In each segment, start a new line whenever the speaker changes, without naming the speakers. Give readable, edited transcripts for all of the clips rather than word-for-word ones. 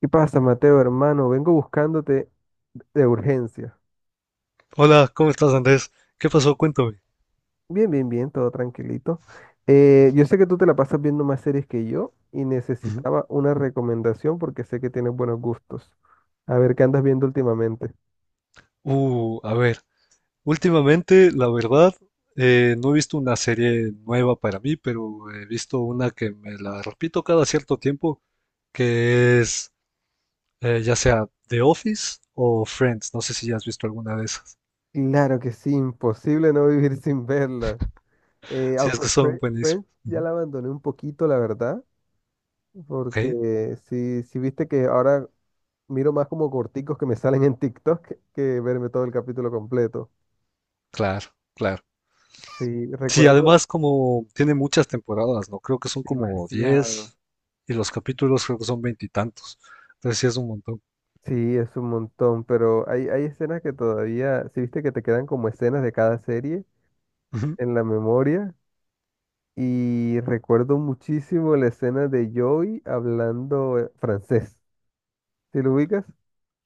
¿Qué pasa, Mateo, hermano? Vengo buscándote de urgencia.
Hola, ¿cómo estás, Andrés? ¿Qué pasó? Cuéntame.
Bien, bien, bien, todo tranquilito. Yo sé que tú te la pasas viendo más series que yo y
Ujú.
necesitaba una recomendación porque sé que tienes buenos gustos. A ver, ¿qué andas viendo últimamente?
Uh, a ver, últimamente, la verdad, no he visto una serie nueva para mí, pero he visto una que me la repito cada cierto tiempo, que es ya sea The Office o Friends. No sé si ya has visto alguna de esas.
Claro que sí, imposible no vivir sin verla. Eh,
Sí, es
aunque
que son
Fre-
buenísimas.
Friends ya
Ujú.
la abandoné un poquito, la verdad,
Ok,
porque si viste que ahora miro más como corticos que me salen en TikTok que verme todo el capítulo completo.
claro, claro.
Sí,
Sí,
recuerdo.
además como tiene muchas temporadas, ¿no? Creo que son como
Demasiado.
10 y los capítulos creo que son veintitantos. Entonces sí es un montón.
Sí, es un montón, pero hay escenas que todavía, si viste que te quedan como escenas de cada serie en la memoria. Y recuerdo muchísimo la escena de Joey hablando francés. ¿Sí lo ubicas?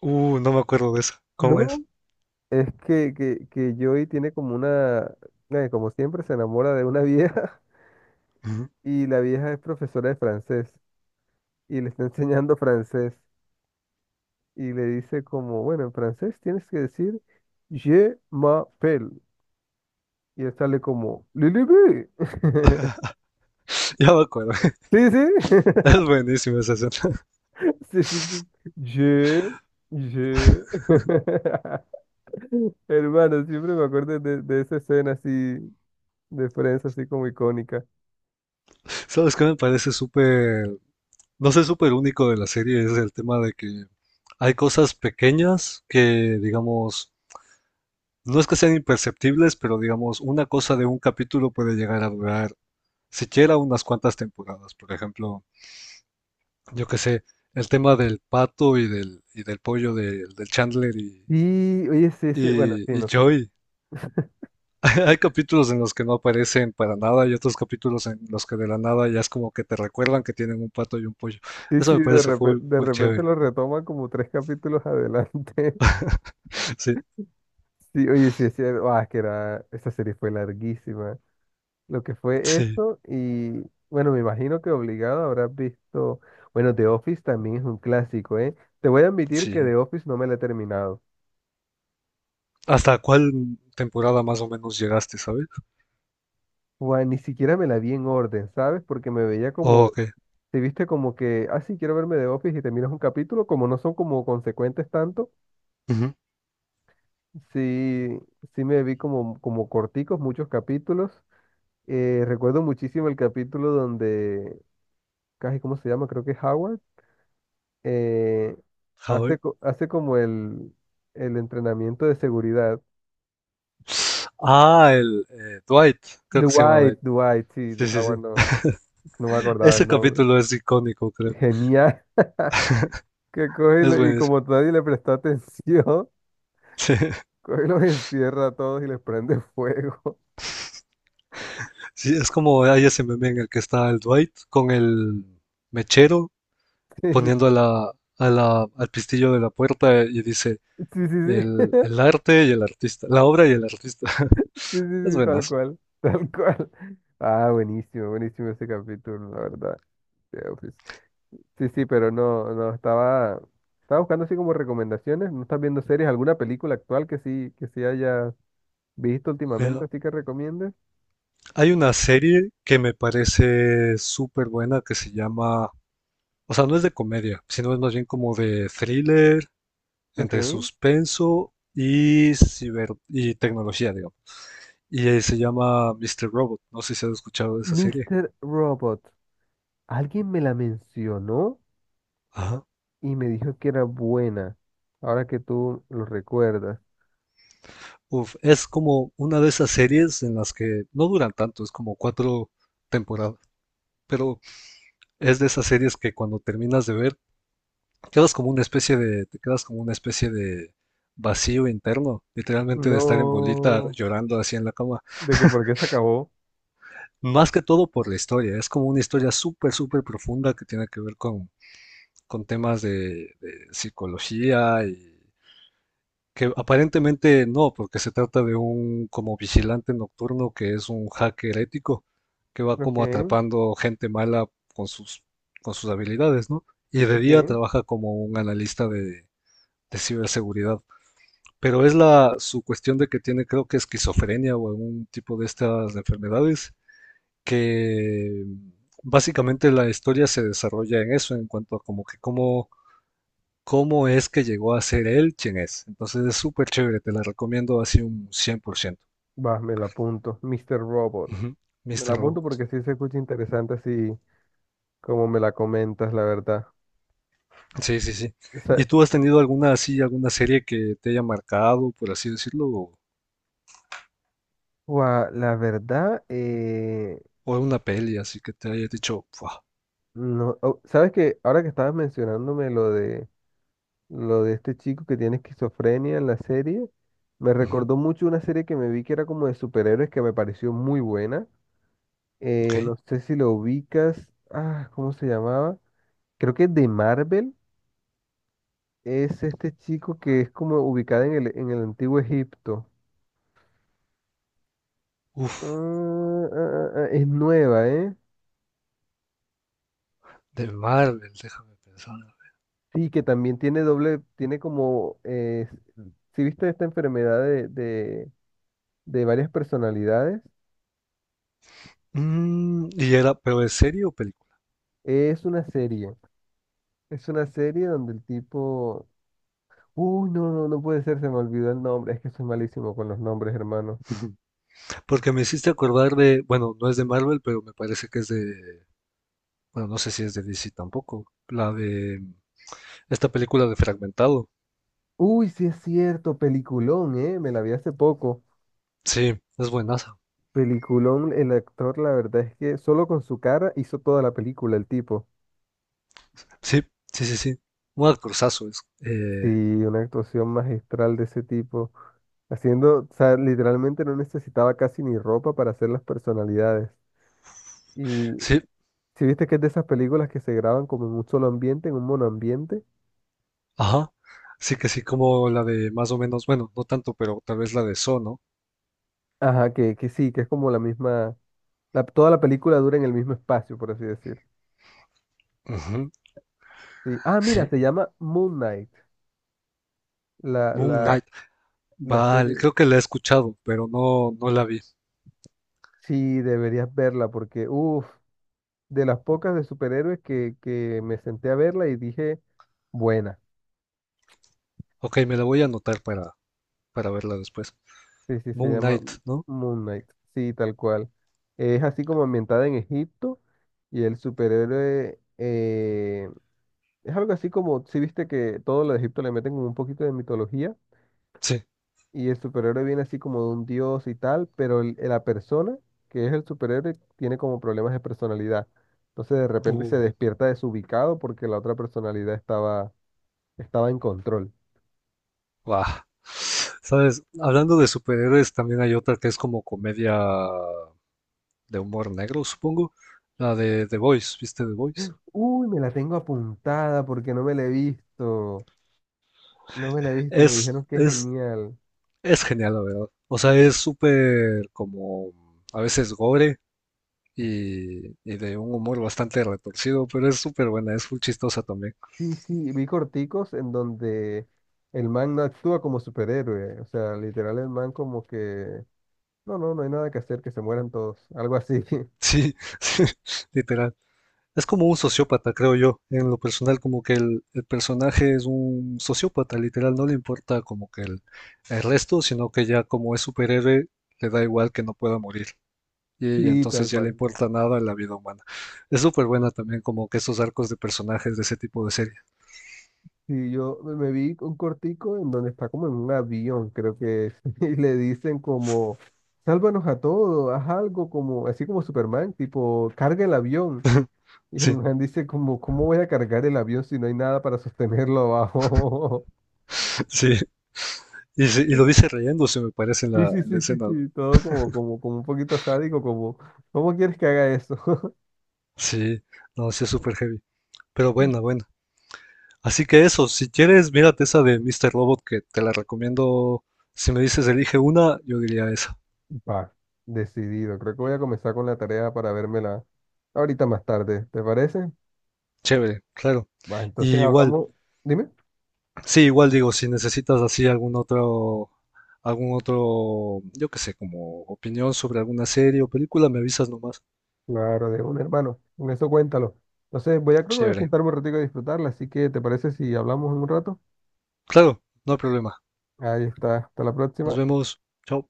No me acuerdo de eso. ¿Cómo es?
No. Es que Joey tiene como una, como siempre, se enamora de una vieja
Ujú.
y la vieja es profesora de francés y le está enseñando francés y le dice como, bueno, en francés tienes que decir Je m'appelle. Y él sale como, Lilibi.
Ya me acuerdo.
Sí, sí.
Es buenísima esa escena.
Sí, sí, sí. Je, je. Hermano, siempre me acuerdo de esa escena así de Friends, así como icónica.
¿Sabes qué me parece súper, no sé, súper único de la serie? Es el tema de que hay cosas pequeñas que, digamos, no es que sean imperceptibles, pero digamos, una cosa de un capítulo puede llegar a durar siquiera unas cuantas temporadas. Por ejemplo, yo qué sé, el tema del pato y del pollo del Chandler y,
Y, oye, sí, sí, bueno,
y,
sí,
y
no son-
Joey. Hay capítulos en los que no aparecen para nada y otros capítulos en los que de la nada ya es como que te recuerdan que tienen un pato y un pollo.
Sí,
Eso
sí,
me
de
parece
repente,
full,
de
full
repente
chévere.
lo retoman como tres capítulos adelante.
Sí,
Sí, oye, sí, sí, ah, es que era, esa serie fue larguísima. Lo que fue
sí,
eso y bueno, me imagino que obligado habrás visto, bueno, The Office también es un clásico, ¿eh? Te voy a admitir que
sí.
The Office no me la he terminado.
¿Hasta cuál temporada más o menos llegaste, sabes?
Juan, ni siquiera me la vi en orden, ¿sabes? Porque me veía
¿O
como,
qué?
te viste como que, ah, sí, quiero verme The Office y te miras un capítulo, como no son como consecuentes tanto,
Ujú.
sí, sí me vi como, como corticos, muchos capítulos. Recuerdo muchísimo el capítulo donde, casi, ¿cómo se llama? Creo que es Howard, eh,
Howard.
hace como el entrenamiento de seguridad.
Ah, el Dwight, creo que se llama
Dwight,
Dwight.
Dwight, sí, de
Sí, sí, sí.
Howard no, no me acordaba el
Ese
nombre.
capítulo es icónico, creo.
Genial, que coge y,
Es
le- y
buenísimo.
como nadie le prestó atención,
Sí,
coge y los encierra a todos y les prende fuego.
sí, es como hay ese meme en el que está el Dwight con el mechero
Sí,
poniendo a la, al pistillo de la puerta y dice
sí, sí, sí, sí,
el arte y el artista, la obra y el artista.
sí,
Es
sí, sí, tal
buenazo.
cual, tal cual. Ah, buenísimo, buenísimo ese capítulo, la verdad. Sí, sí, pero no, no, estaba buscando así como recomendaciones. ¿No estás viendo series? ¿Alguna película actual que sí hayas visto
Mira,
últimamente, así que recomiendes?
hay una serie que me parece súper buena que se llama, o sea, no es de comedia, sino es más bien como de thriller,
Ok.
entre suspenso y ciber y tecnología, digamos. Se llama Mr. Robot. No sé si has escuchado de esa serie.
Mister Robot. Alguien me la mencionó
Ajá.
y me dijo que era buena. Ahora que tú lo recuerdas.
Uf, es como una de esas series en las que no duran tanto, es como cuatro temporadas, pero es de esas series que cuando terminas de ver, quedas como una especie de, te quedas como una especie de vacío interno, literalmente de estar en bolita
No.
llorando así en la cama.
De que por qué se acabó.
Más que todo por la historia, es como una historia súper, súper profunda que tiene que ver con temas de psicología. Y que aparentemente no, porque se trata de un como vigilante nocturno que es un hacker ético que va
Ok,
como atrapando gente mala con sus, con sus habilidades, ¿no? Y de día
ok.
trabaja como un analista de ciberseguridad. Pero es la su cuestión de que tiene, creo que esquizofrenia o algún tipo de estas enfermedades, que básicamente la historia se desarrolla en eso, en cuanto a como que cómo es que llegó a ser él quien es. Entonces es súper chévere, te la recomiendo así un 100%.
Va, me la apunto. Mister Robot.
Ujú,
Me la
Mr.
apunto
Robot.
porque sí se escucha interesante así como me la comentas, la verdad.
Sí, sí, sí. ¿Y
Esa-
tú has tenido alguna así, alguna serie que te haya marcado, por así decirlo,
Guau, la verdad,
o una peli así que te haya dicho, "Fua,
no, oh, sabes que ahora que estabas mencionándome lo de este chico que tiene esquizofrenia en la serie, me
ujú,
recordó mucho una serie que me vi que era como de superhéroes que me pareció muy buena.
ok,
No sé si lo ubicas, ah, ¿cómo se llamaba? Creo que de Marvel es este chico que es como ubicado en el antiguo Egipto.
uff,
Ah, ah, ah, ah, es nueva, ¿eh?
de Marvel, déjame pensar.
Sí, que también tiene doble, tiene como, si viste esta enfermedad de varias personalidades,
Mm, y era, pero ¿es serie o película?
es una serie, es una serie donde el tipo, uy, no, no, no puede ser, se me olvidó el nombre, es que soy malísimo con los nombres, hermano.
Ujú. Porque me hiciste acordar de, bueno, no es de Marvel, pero me parece que es de, bueno, no sé si es de DC tampoco, la de esta película de Fragmentado,
Uy, sí es cierto, peliculón, me la vi hace poco,
sí, es buenaza.
peliculón, el actor, la verdad es que solo con su cara hizo toda la película, el tipo.
Sí, sí, sí, sí. Un actorzazo es.
Sí, una actuación magistral de ese tipo, haciendo, o sea, literalmente no necesitaba casi ni ropa para hacer las personalidades. Y
Sí,
si viste que es de esas películas que se graban como en un solo ambiente, en un monoambiente,
ajá. Sí que sí, como la de más o menos, bueno, no tanto, pero tal vez la de So, ¿no?
ajá, que sí, que es como la misma, la- toda la película dura en el mismo espacio, por así decir.
Ujú,
Sí. Ah, mira,
sí,
se llama Moon Knight, la,
Moon
la,
Knight.
la
Vale,
serie,
creo que la he escuchado, pero no, no la vi.
sí, deberías verla porque, uff, de las pocas de superhéroes que me senté a verla y dije, buena.
Ok, me la voy a anotar para verla después.
Sí, sí, se
Moon
llama
Knight, ¿no?
Moon Knight. Sí, tal cual. Es así como ambientada en Egipto y el superhéroe es algo así como, si viste que todo lo de Egipto le meten como un poquito de mitología
Sí.
y el superhéroe viene así como de un dios y tal, pero el- la persona que es el superhéroe tiene como problemas de personalidad. Entonces de repente
Uh,
se despierta desubicado porque la otra personalidad estaba en control.
guau. Sabes, hablando de superhéroes, también hay otra que es como comedia de humor negro, supongo. La de The Voice, ¿viste The Voice?
Uy, me la tengo apuntada porque no me la he visto. No me la he visto, me
Es,
dijeron que es
es,
genial.
es genial, la verdad. O sea, es súper como a veces gore y de un humor bastante retorcido, pero es súper buena, es muy chistosa también.
Sí, sí, vi corticos en donde el man no actúa como superhéroe. O sea, literal el man como que, no, no, no hay nada que hacer, que se mueran todos. Algo así.
Sí, sí, literal. Es como un sociópata, creo yo, en lo personal, como que el personaje es un sociópata, literal, no le importa como que el resto, sino que ya como es superhéroe, le da igual que no pueda morir, y
Sí,
entonces
tal
ya le
cual.
importa nada la vida humana. Es súper buena también como que esos arcos de personajes de ese tipo de serie.
Sí, yo me vi un cortico en donde está como en un avión, creo que es, y le dicen como, sálvanos a todos, haz algo como, así como Superman, tipo, carga el avión. Y el
Sí,
man dice como, ¿cómo voy a cargar el avión si no hay nada para sostenerlo abajo?
sí. Y, sí, y lo dice riéndose, me parece,
Sí, sí,
en la
sí, sí,
escena, ¿no?
sí, todo como, como, como un poquito sádico, como, ¿cómo quieres que haga eso?
Sí, no, sí es súper heavy. Pero buena, buena. Así que eso, si quieres, mírate esa de Mr. Robot que te la recomiendo. Si me dices elige una, yo diría esa.
Va, decidido. Creo que voy a comenzar con la tarea para vérmela ahorita más tarde, ¿te parece?
Chévere, claro.
Va,
Y
entonces
igual,
hablamos, dime.
sí, igual digo, si necesitas así algún otro, yo qué sé, como opinión sobre alguna serie o película, me avisas nomás.
Claro, de un hermano, con eso cuéntalo. Entonces, voy a, creo que voy a
Chévere.
sentarme un ratito a disfrutarla, así que, ¿te parece si hablamos en un rato?
Claro, no hay problema.
Ahí está, hasta la
Nos
próxima.
vemos. Chao.